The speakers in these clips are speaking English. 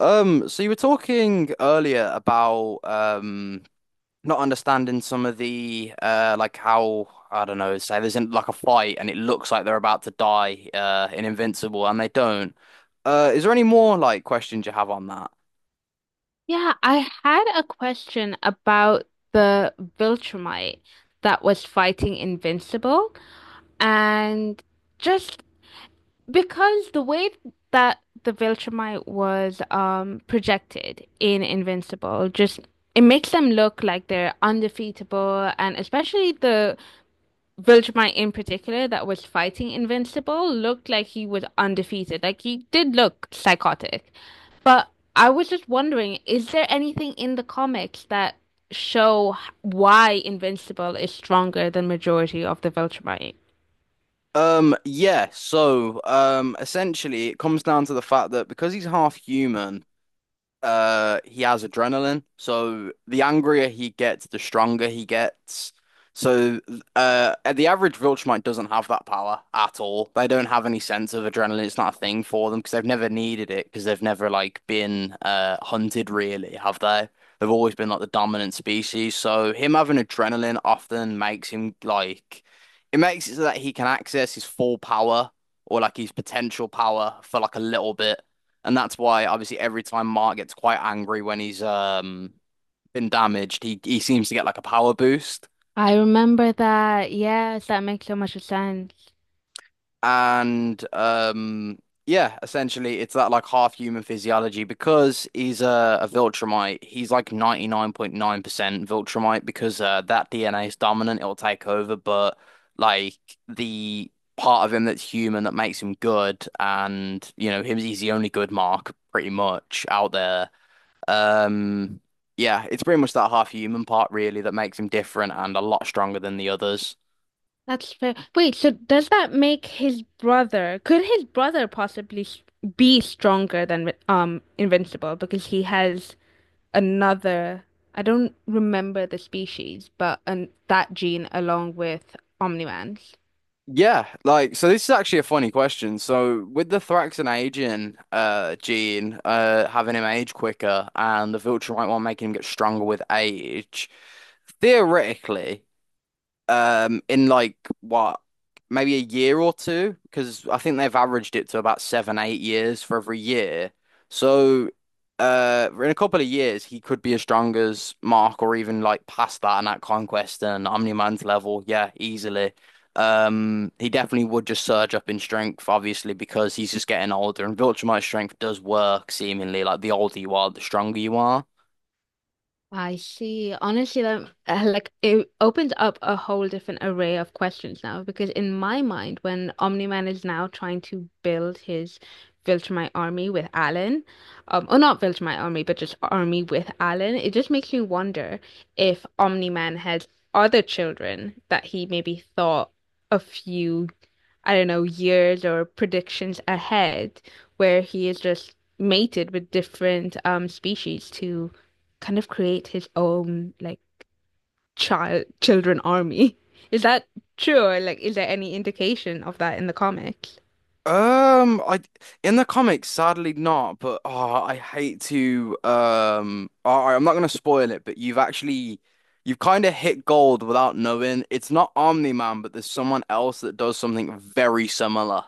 So you were talking earlier about not understanding some of the like how, I don't know, say there's in like a fight and it looks like they're about to die in Invincible and they don't. Is there any more like questions you have on that? Yeah, I had a question about the Viltrumite that was fighting Invincible. And just because the way that the Viltrumite was projected in Invincible, just it makes them look like they're undefeatable, and especially the Vilgemite in particular that was fighting Invincible looked like he was undefeated. Like he did look psychotic. But I was just wondering, is there anything in the comics that show why Invincible is stronger than majority of the Viltrumite? Yeah, so essentially it comes down to the fact that because he's half human, he has adrenaline, so the angrier he gets the stronger he gets. So the average Viltrumite doesn't have that power at all. They don't have any sense of adrenaline. It's not a thing for them because they've never needed it, because they've never like been hunted really, have they? They've always been like the dominant species, so him having adrenaline often makes him like, it makes it so that he can access his full power, or like his potential power for like a little bit. And that's why obviously every time Mark gets quite angry when he's been damaged, he seems to get like a power boost. I remember that. Yes, that makes so much sense. And yeah, essentially it's that like half human physiology. Because he's a Viltrumite, he's like 99.9% Viltrumite because that DNA is dominant, it'll take over, but like the part of him that's human, that makes him good, and you know him, he's the only good Mark pretty much out there. Um, yeah, it's pretty much that half human part really that makes him different and a lot stronger than the others. That's fair. Wait, so does that make his brother, could his brother be stronger than Invincible because he has another, I don't remember the species, but an that gene along with Omni-Man's. Yeah, like so this is actually a funny question. So with the Thraxan aging gene, having him age quicker, and the Viltrumite one making him get stronger with age, theoretically in like what, maybe a year or two, because I think they've averaged it to about 7-8 years for every year. So in a couple of years he could be as strong as Mark, or even like past that, and at Conquest and Omniman's level, yeah, easily. He definitely would just surge up in strength obviously because he's just getting older, and Viltrumite strength does work seemingly like the older you are the stronger you are. I see. Honestly, that like it opens up a whole different array of questions now because in my mind, when Omni-Man is now trying to build his Viltrumite army with Alan, or not Viltrumite army, but just army with Alan, it just makes me wonder if Omni-Man has other children that he maybe thought a few I don't know, years or predictions ahead where he is just mated with different species to kind of create his own like child children army. Is that true? Or like is there any indication of that in the comics? I, in the comics, sadly not, but oh, I hate to all right, I'm not gonna spoil it, but you've actually, you've kind of hit gold without knowing. It's not Omni-Man, but there's someone else that does something very similar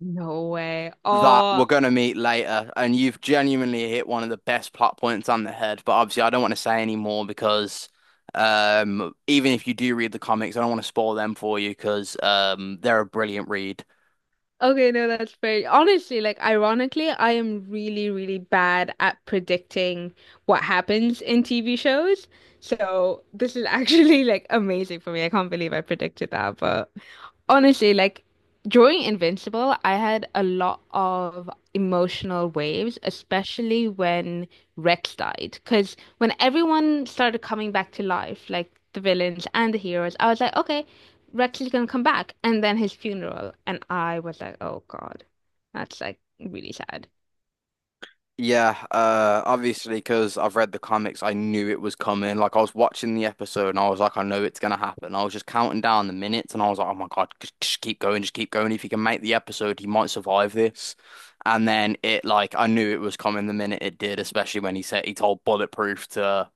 No way. that we're Oh, gonna meet later, and you've genuinely hit one of the best plot points on the head. But obviously I don't want to say any more because even if you do read the comics, I don't want to spoil them for you, because they're a brilliant read. okay, no, that's fair. Honestly, like ironically, I am really, really bad at predicting what happens in TV shows. So this is actually like amazing for me. I can't believe I predicted that. But honestly, like during Invincible, I had a lot of emotional waves, especially when Rex died. Because when everyone started coming back to life, like the villains and the heroes, I was like, okay. Radcliffe gonna come back? And then his funeral. And I was like, oh God, that's like really sad. Yeah, obviously, because I've read the comics, I knew it was coming. Like, I was watching the episode and I was like, I know it's gonna happen. I was just counting down the minutes and I was like, oh my God, just keep going, just keep going. If he can make the episode, he might survive this. And then it, like, I knew it was coming the minute it did, especially when he said he told Bulletproof to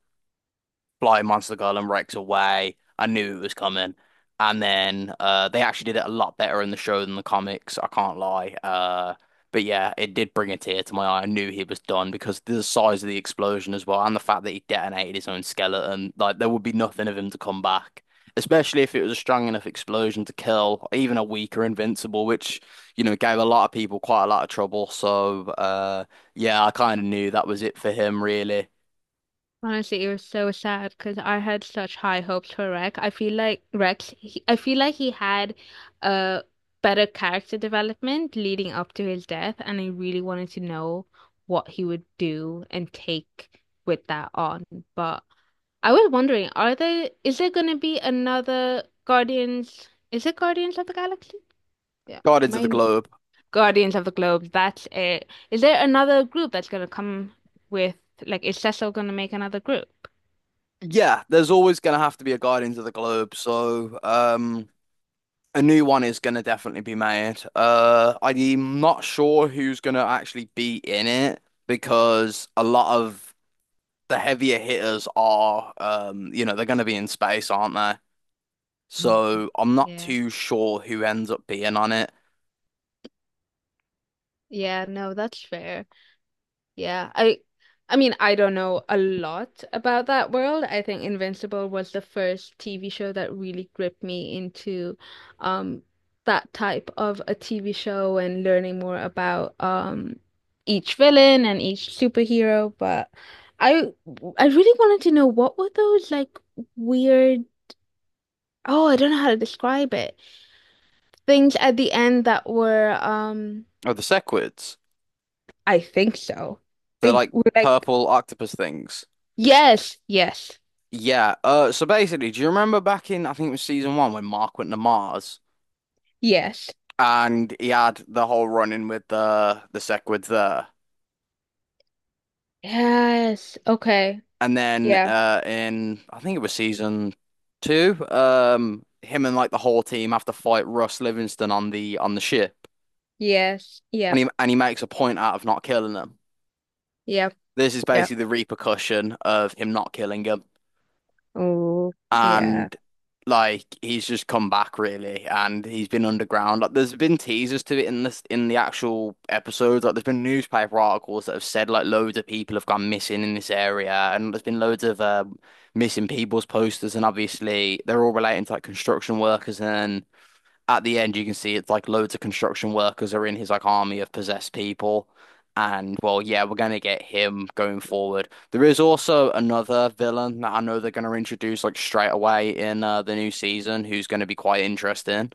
Flying Monster Girl and Rex away. I knew it was coming. And then they actually did it a lot better in the show than the comics. I can't lie. But yeah, it did bring a tear to my eye. I knew he was done because the size of the explosion as well, and the fact that he detonated his own skeleton. Like there would be nothing of him to come back, especially if it was a strong enough explosion to kill even a weaker Invincible, which you know gave a lot of people quite a lot of trouble. So yeah, I kind of knew that was it for him, really. Honestly, it was so sad because I had such high hopes for Rex. I feel like Rex, I feel like he had a better character development leading up to his death, and I really wanted to know what he would do and take with that on. But I was wondering, are there is there gonna be another Guardians? Is it Guardians of the Galaxy? Yeah. Am Guardians of the I Globe. Guardians of the Globe. That's it. Is there another group that's gonna come with like is Cecil gonna make another group? Yeah, there's always going to have to be a Guardians of the Globe, so a new one is going to definitely be made. I'm not sure who's going to actually be in it, because a lot of the heavier hitters are, you know, they're going to be in space, aren't they? Mm. So I'm not Yeah. too sure who ends up being on it. Yeah, no, that's fair. Yeah, I mean, I don't know a lot about that world. I think Invincible was the first TV show that really gripped me into um that type of a TV show and learning more about each villain and each superhero, but I I really wanted to know what were those like weird. Oh, I don't know how to describe it. Things at the end that were um. Oh, the Sequids. I think so. They're They like were like purple octopus things. yes, yes. Yeah. So basically, do you remember back in, I think it was season one, when Mark went to Mars? Yes. And he had the whole run in with the Sequids there. Yes. Okay. And then Yeah. In I think it was season two, him and like the whole team have to fight Russ Livingston on the ship. Yes. And Yep. he makes a point out of not killing them. Yep. This is Yep. basically the repercussion of him not killing him. Oh, yeah. And like he's just come back really, and he's been underground. Like there's been teasers to it in this in the actual episodes. Like there's been newspaper articles that have said like loads of people have gone missing in this area, and there's been loads of missing people's posters, and obviously they're all relating to like construction workers. And at the end, you can see it's like loads of construction workers are in his like army of possessed people. And well, yeah, we're gonna get him going forward. There is also another villain that I know they're gonna introduce like straight away in the new season, who's gonna be quite interesting.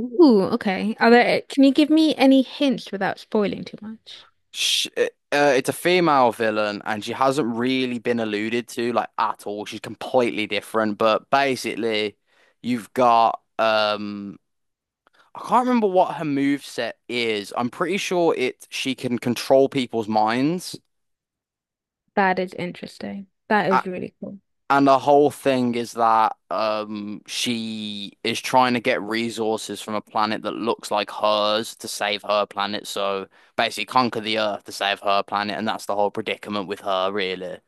Ooh, okay. Are there, can you give me any hints without spoiling too much? Sh It's a female villain, and she hasn't really been alluded to like at all. She's completely different, but basically, you've got I can't remember what her move set is. I'm pretty sure it she can control people's minds. That is interesting. That A- is really cool. And the whole thing is that she is trying to get resources from a planet that looks like hers to save her planet. So basically conquer the Earth to save her planet, and that's the whole predicament with her, really.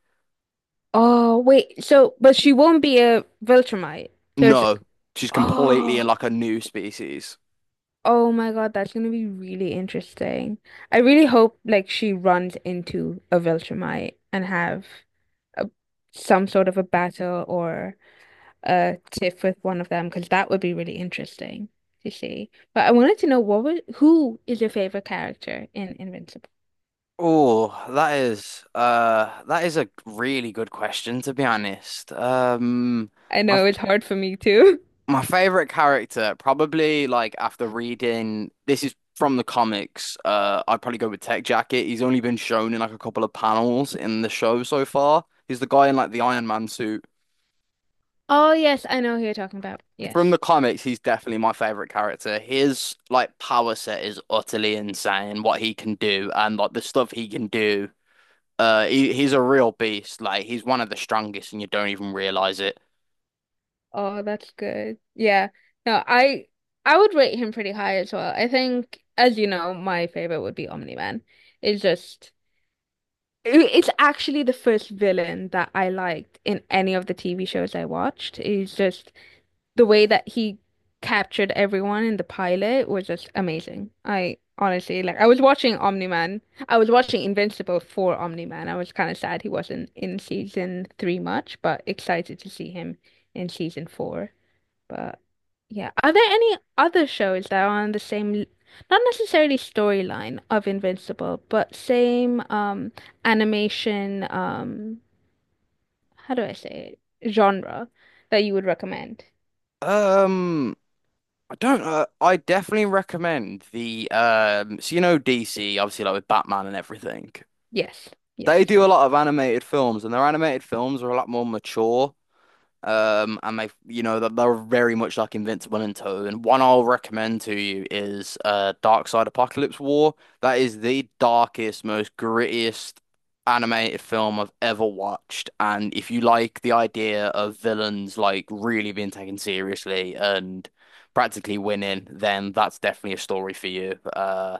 Oh, wait. So, but she won't be a Viltrumite. So it's No, like, she's completely in oh, like a new species. oh my God, that's gonna be really interesting. I really hope like she runs into a Viltrumite and have a, some sort of a battle or a tiff with one of them because that would be really interesting to see. But I wanted to know what was who is your favorite character in Invincible? Oh, that is a really good question, to be honest. I know it's hard for me too. My favorite character, probably like after reading, this is from the comics. I'd probably go with Tech Jacket. He's only been shown in like a couple of panels in the show so far. He's the guy in like the Iron Man suit. Oh yes, I know who you're talking about. From Yes. the comics, he's definitely my favorite character. His like power set is utterly insane. What he can do and like the stuff he can do. He's a real beast. Like he's one of the strongest, and you don't even realize it. Oh, that's good. Yeah. No, I would rate him pretty high as well. I think, as you know, my favorite would be Omni-Man. It's just it's actually the first villain that I liked in any of the TV shows I watched. He's just the way that he captured everyone in the pilot was just amazing. I honestly like I was watching Omni-Man. I was watching Invincible for Omni-Man. I was kind of sad he wasn't in season three much, but excited to see him in season four. But yeah, are there any other shows that are on the same, not necessarily storyline of Invincible, but same animation, how do I say it? Genre that you would recommend? Um. I don't I definitely recommend the so you know DC, obviously, like with Batman and everything. Yes. Yes, They of do a course. lot of animated films, and their animated films are a lot more mature, and they, you know, that they're very much like Invincible and Toad. And one I'll recommend to you is Dark Side Apocalypse War. That is the darkest, most grittiest animated film I've ever watched. And if you like the idea of villains like really being taken seriously and practically winning, then that's definitely a story for you.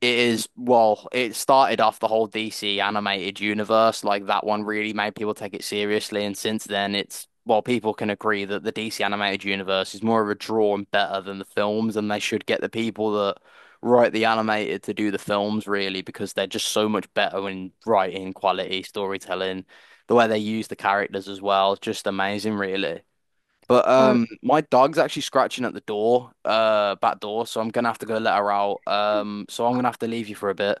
It is, well, it started off the whole DC animated universe. Like that one really made people take it seriously. And since then, it's, well, people can agree that the DC animated universe is more of a draw and better than the films. And they should get the people that write the animated to do the films, really, because they're just so much better in writing, quality, storytelling, the way they use the characters as well. Just amazing, really. But Oh, my dog's actually scratching at the door, back door, so I'm gonna have to go let her out. So I'm gonna have to leave you for a bit.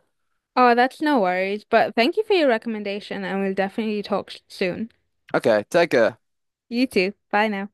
oh, that's no worries. But thank you for your recommendation, and we'll definitely soon. Okay, take care. You too. Bye now.